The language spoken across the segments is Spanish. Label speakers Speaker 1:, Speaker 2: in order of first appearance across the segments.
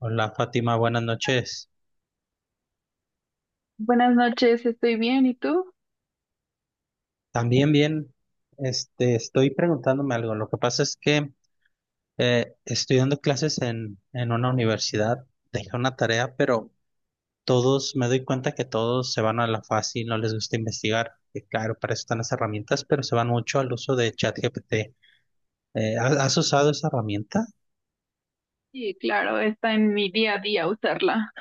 Speaker 1: Hola Fátima, buenas noches.
Speaker 2: Buenas noches, estoy bien, ¿y tú?
Speaker 1: También bien, estoy preguntándome algo. Lo que pasa es que estoy dando clases en una universidad, dejé una tarea, pero todos, me doy cuenta que todos se van a la fácil, no les gusta investigar. Que claro, para eso están las herramientas, pero se van mucho al uso de ChatGPT. ¿Has usado esa herramienta?
Speaker 2: Sí, claro, está en mi día a día usarla.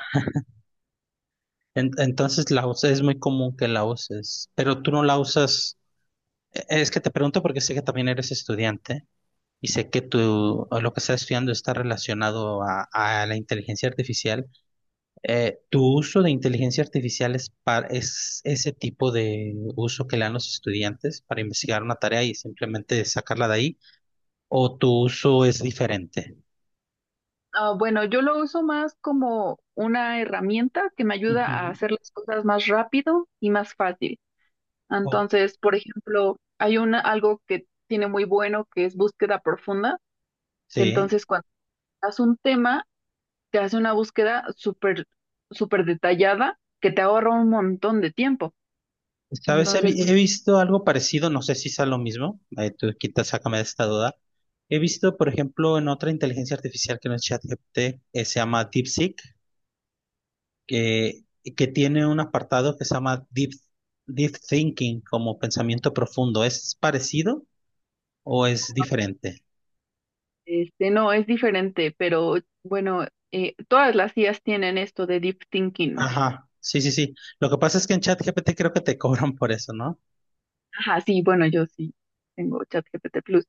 Speaker 1: Entonces la usas, es muy común que la uses, pero tú no la usas. Es que te pregunto porque sé que también eres estudiante. Y sé que tú, o lo que estás estudiando está relacionado a la inteligencia artificial. ¿Tu uso de inteligencia artificial es ese tipo de uso que le dan los estudiantes para investigar una tarea y simplemente sacarla de ahí? ¿O tu uso es diferente?
Speaker 2: Ah, bueno, yo lo uso más como una herramienta que me ayuda a
Speaker 1: Ujú.
Speaker 2: hacer las cosas más rápido y más fácil.
Speaker 1: O-
Speaker 2: Entonces, por ejemplo, hay una, algo que tiene muy bueno que es búsqueda profunda, que
Speaker 1: sí.
Speaker 2: entonces cuando haces un tema, te hace una búsqueda súper, súper detallada que te ahorra un montón de tiempo.
Speaker 1: ¿Sabes?
Speaker 2: Entonces,
Speaker 1: He visto algo parecido, no sé si sea lo mismo. Tú quita, sácame de esta duda. He visto, por ejemplo, en otra inteligencia artificial que no es ChatGPT, se llama DeepSeek que, que tiene un apartado que se llama Deep Thinking, como pensamiento profundo. ¿Es parecido o es diferente?
Speaker 2: este, no, es diferente, pero bueno, todas las IAs tienen esto de deep thinking.
Speaker 1: Ajá, sí, sí, sí. Lo que pasa es que en ChatGPT creo que te cobran por eso, ¿no?
Speaker 2: Ajá, sí, bueno, yo sí tengo ChatGPT Plus.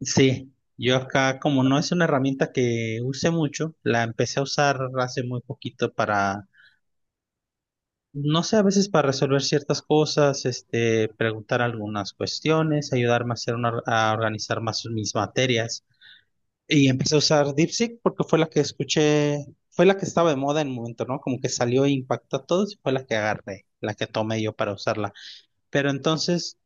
Speaker 1: Sí, yo acá como no es una herramienta que use mucho, la empecé a usar hace muy poquito para, no sé, a veces para resolver ciertas cosas, preguntar algunas cuestiones, ayudarme a a organizar más mis materias. Y empecé a usar DeepSeek porque fue la que escuché, fue la que estaba de moda en un momento, ¿no? Como que salió e impactó a todos y fue la que agarré, la que tomé yo para usarla. Pero entonces,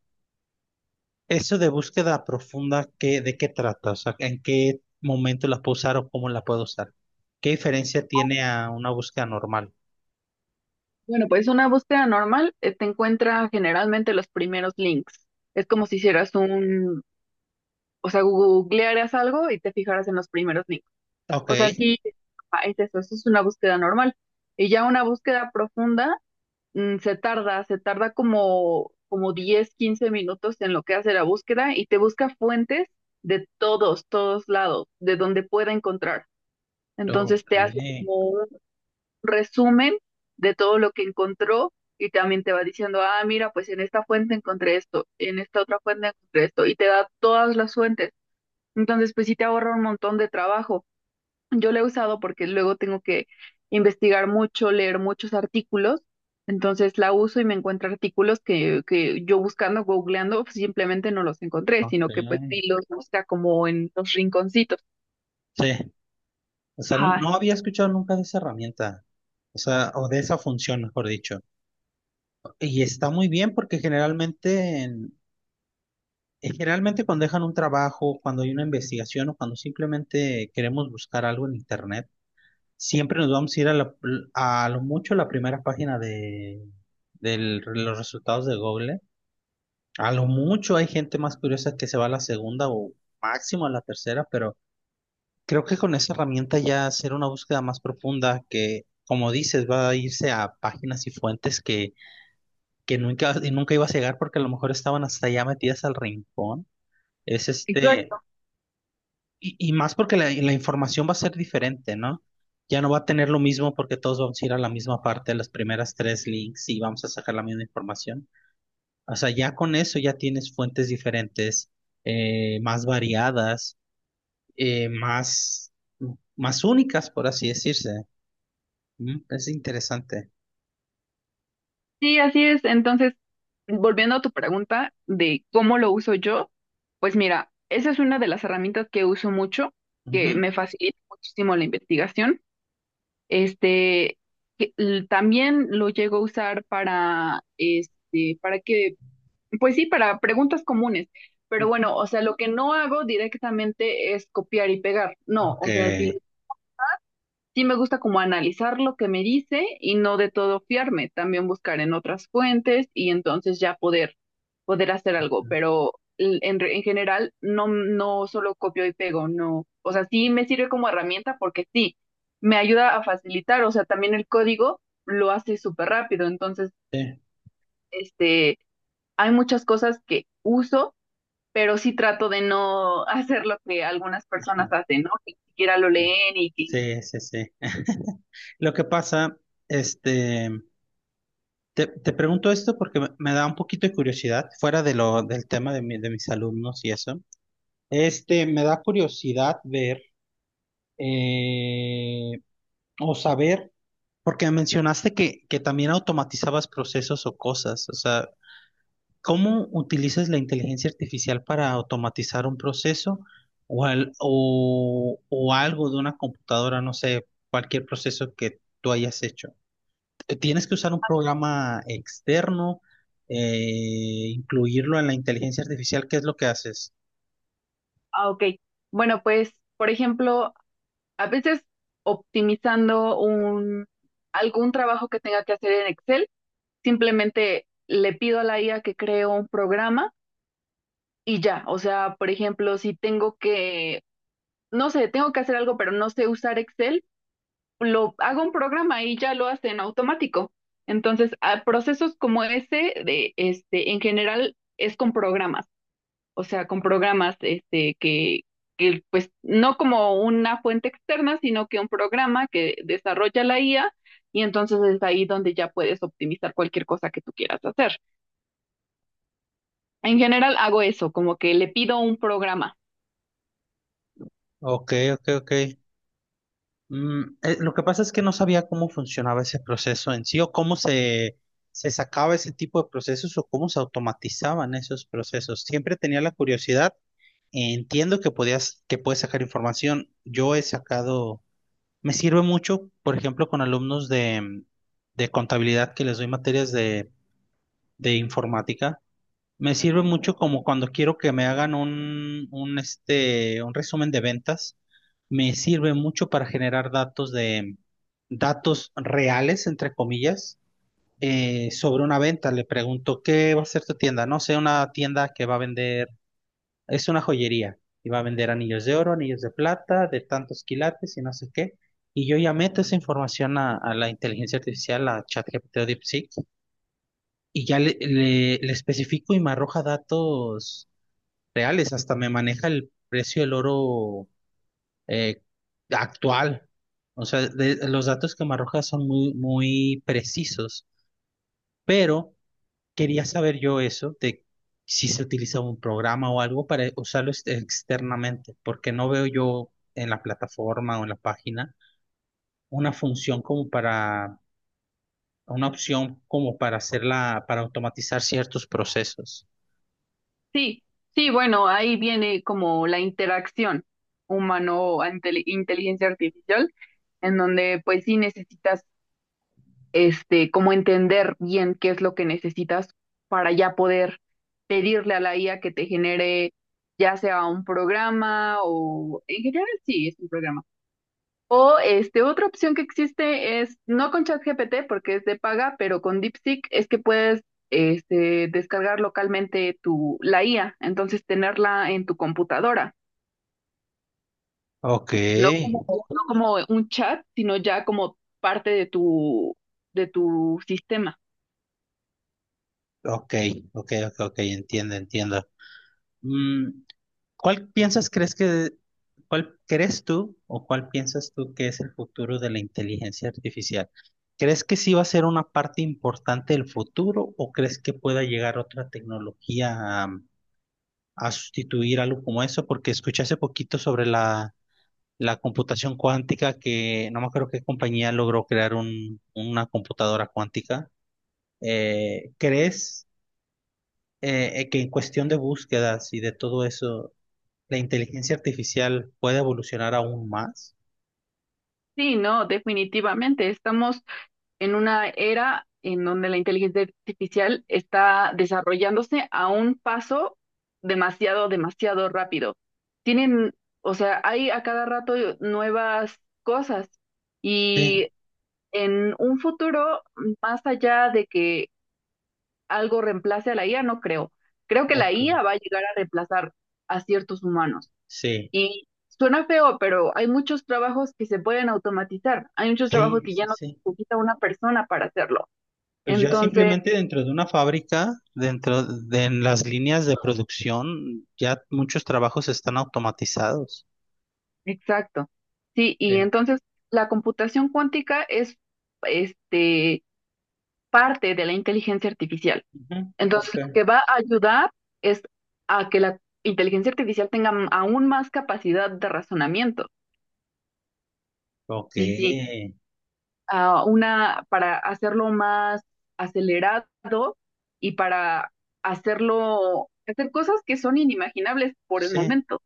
Speaker 1: eso de búsqueda profunda, ¿de qué trata? O sea, ¿en qué momento la puedo usar o cómo la puedo usar? ¿Qué diferencia tiene a una búsqueda normal?
Speaker 2: Bueno, pues una búsqueda normal te encuentra generalmente los primeros links. Es como si hicieras un, o sea, googlearas algo y te fijaras en los primeros links.
Speaker 1: Ok,
Speaker 2: O sea, sí, ajá, es eso, eso es una búsqueda normal. Y ya una búsqueda profunda se tarda como, como 10 15 minutos en lo que hace la búsqueda y te busca fuentes de todos, todos lados, de donde pueda encontrar. Entonces
Speaker 1: ok,
Speaker 2: te hace como un resumen de todo lo que encontró y también te va diciendo, ah, mira, pues en esta fuente encontré esto, en esta otra fuente encontré esto, y te da todas las fuentes. Entonces, pues sí te ahorra un montón de trabajo. Yo la he usado porque luego tengo que investigar mucho, leer muchos artículos. Entonces la uso y me encuentro artículos que yo buscando, googleando, pues, simplemente no los encontré, sino que pues sí
Speaker 1: ok.
Speaker 2: los busca como en los rinconcitos.
Speaker 1: Sí, o sea,
Speaker 2: Ajá,
Speaker 1: no había escuchado nunca de esa herramienta, o sea, o de esa función, mejor dicho. Y está muy bien porque generalmente cuando dejan un trabajo, cuando hay una investigación o cuando simplemente queremos buscar algo en internet, siempre nos vamos a ir a lo mucho la primera página de, los resultados de Google. A lo mucho hay gente más curiosa que se va a la segunda o máximo a la tercera, pero creo que con esa herramienta ya hacer una búsqueda más profunda que, como dices, va a irse a páginas y fuentes que nunca ibas a llegar porque a lo mejor estaban hasta ya metidas al rincón. Es
Speaker 2: exacto.
Speaker 1: este... y más porque la información va a ser diferente, ¿no? Ya no va a tener lo mismo porque todos vamos a ir a la misma parte, las primeras tres links y vamos a sacar la misma información. O sea, ya con eso ya tienes fuentes diferentes, más variadas, eh, más, más únicas, por así decirse. Es interesante.
Speaker 2: Sí, así es. Entonces, volviendo a tu pregunta de cómo lo uso yo, pues mira, esa es una de las herramientas que uso mucho, que me
Speaker 1: Ujú,
Speaker 2: facilita muchísimo la investigación. Este, que l- también lo llego a usar para, este, para que, pues sí, para preguntas comunes. Pero
Speaker 1: ujú.
Speaker 2: bueno, o sea, lo que no hago directamente es copiar y pegar. No,
Speaker 1: Ok.
Speaker 2: o sea, si lo... Sí me gusta como analizar lo que me dice y no de todo fiarme, también buscar en otras fuentes y entonces ya poder, poder hacer algo, pero l- en, re- en general no, no solo copio y pego, no, o sea, sí me sirve como herramienta porque sí, me ayuda a facilitar, o sea, también el código lo hace súper rápido, entonces,
Speaker 1: Sí,
Speaker 2: este, hay muchas cosas que uso, pero sí trato de no hacer lo que algunas
Speaker 1: ajá,
Speaker 2: personas hacen, ¿no? Que ni siquiera lo
Speaker 1: ok.
Speaker 2: leen y que...
Speaker 1: Sí, sí. Sí. Lo que pasa, este, te, te pregunto esto porque me da un poquito de curiosidad, fuera de lo, del tema de, mi- de mis alumnos y eso. Este, me da curiosidad ver eh, o saber, porque mencionaste que también automatizabas procesos o cosas. O sea, ¿cómo utilizas la inteligencia artificial para automatizar un proceso o algo de una computadora, no sé, cualquier proceso que tú hayas hecho? Tienes que usar un programa externo, incluirlo en la inteligencia artificial. ¿Qué es lo que haces?
Speaker 2: Ah, ok. Bueno, pues, por ejemplo, a veces optimizando un, algún trabajo que tenga que hacer en Excel, simplemente le pido a la IA que cree un programa y ya. O sea, por ejemplo, si tengo que, no sé, tengo que hacer algo, pero no sé usar Excel, lo hago un programa y ya lo hace en automático. Entonces, a procesos como ese, de, este, en general, es con programas. O sea, con programas este, que, pues, no como una fuente externa, sino que un programa que desarrolla la IA y entonces es ahí donde ya puedes optimizar cualquier cosa que tú quieras hacer. En general hago eso, como que le pido un programa.
Speaker 1: Ok, ok, ok. Lo que pasa es que no sabía cómo funcionaba ese proceso en sí o cómo se sacaba ese tipo de procesos o cómo se automatizaban esos procesos. Siempre tenía la curiosidad. Entiendo que podías, que puedes sacar información. Yo he sacado, me sirve mucho, por ejemplo, con alumnos de contabilidad que les doy materias de informática. Me sirve mucho como cuando quiero que me hagan un resumen de ventas. Me sirve mucho para generar datos de datos reales, entre comillas, sobre una venta. Le pregunto, ¿qué va a ser tu tienda? No sé, una tienda que va a vender, es una joyería y va a vender anillos de oro, anillos de plata, de tantos quilates y no sé qué. Y yo ya meto esa información a la inteligencia artificial, a ChatGPT o DeepSeek, y ya le especifico y me arroja datos reales, hasta me maneja el precio del oro eh, actual. O sea, los datos que me arroja son muy, muy precisos, pero quería saber yo eso de si se utiliza un programa o algo para usarlo externamente, porque no veo yo en la plataforma o en la página una función como para, una opción como para hacerla, para automatizar ciertos procesos.
Speaker 2: Sí, sí, bueno, ahí viene como la interacción humano-inteligencia artificial, en donde pues sí necesitas este, como entender bien qué es lo que necesitas para ya poder pedirle a la IA que te genere ya sea un programa o en general sí, es un programa. O este, otra opción que existe es, no con ChatGPT porque es de paga, pero con DeepSeek es que puedes este, descargar localmente tu, la IA, entonces tenerla en tu computadora,
Speaker 1: Ok,
Speaker 2: no como, no como un chat, sino ya como parte de tu sistema.
Speaker 1: ok, ok, ok, ok, entiendo, entiendo. Mm, ¿Cuál piensas, crees que, cuál crees tú o cuál piensas tú que es el futuro de la inteligencia artificial? ¿Crees que sí va a ser una parte importante del futuro o crees que pueda llegar otra tecnología a sustituir algo como eso? Porque escuché hace poquito sobre la computación cuántica que no me acuerdo qué compañía logró crear una computadora cuántica. ¿Crees que en cuestión de búsquedas y de todo eso, la inteligencia artificial puede evolucionar aún más?
Speaker 2: Sí, no, definitivamente. Estamos en una era en donde la inteligencia artificial está desarrollándose a un paso demasiado, demasiado rápido. Tienen, o sea, hay a cada rato nuevas cosas
Speaker 1: Sí,
Speaker 2: y en un futuro, más allá de que algo reemplace a la IA, no creo. Creo que la
Speaker 1: ok.
Speaker 2: IA va a llegar a reemplazar a ciertos humanos.
Speaker 1: Sí,
Speaker 2: Y suena feo, pero hay muchos trabajos que se pueden automatizar. Hay muchos trabajos
Speaker 1: sí,
Speaker 2: que ya
Speaker 1: sí,
Speaker 2: no
Speaker 1: sí.
Speaker 2: necesita una persona para hacerlo.
Speaker 1: Pues ya
Speaker 2: Entonces,
Speaker 1: simplemente dentro de una fábrica, dentro de en las líneas de producción, ya muchos trabajos están automatizados.
Speaker 2: exacto. Sí, y
Speaker 1: Sí.
Speaker 2: entonces la computación cuántica es este parte de la inteligencia artificial.
Speaker 1: Ujú,
Speaker 2: Entonces,
Speaker 1: ok.
Speaker 2: lo que va a ayudar es a que la inteligencia artificial tenga m- aún más capacidad de razonamiento.
Speaker 1: Ok.
Speaker 2: Sí, sí. A una, para hacerlo más acelerado y para hacerlo, hacer cosas que son inimaginables por el
Speaker 1: Sí,
Speaker 2: momento.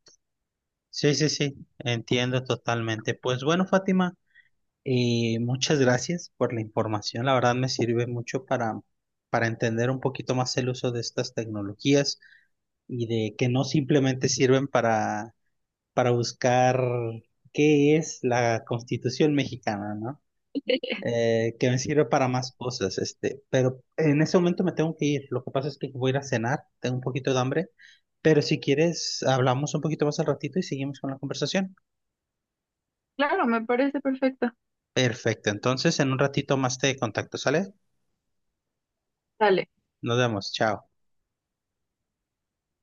Speaker 1: sí, sí, sí. Entiendo totalmente. Pues bueno, Fátima, muchas gracias por la información. La verdad me sirve mucho para entender un poquito más el uso de estas tecnologías. Y de que no simplemente sirven para buscar qué es la Constitución mexicana, ¿no? Que me sirve para más cosas, este, pero en ese momento me tengo que ir. Lo que pasa es que voy a ir a cenar, tengo un poquito de hambre, pero si quieres, hablamos un poquito más al ratito y seguimos con la conversación.
Speaker 2: Claro, me parece perfecto.
Speaker 1: Perfecto, entonces en un ratito más te contacto, ¿sale?
Speaker 2: Dale.
Speaker 1: Nos vemos, chao.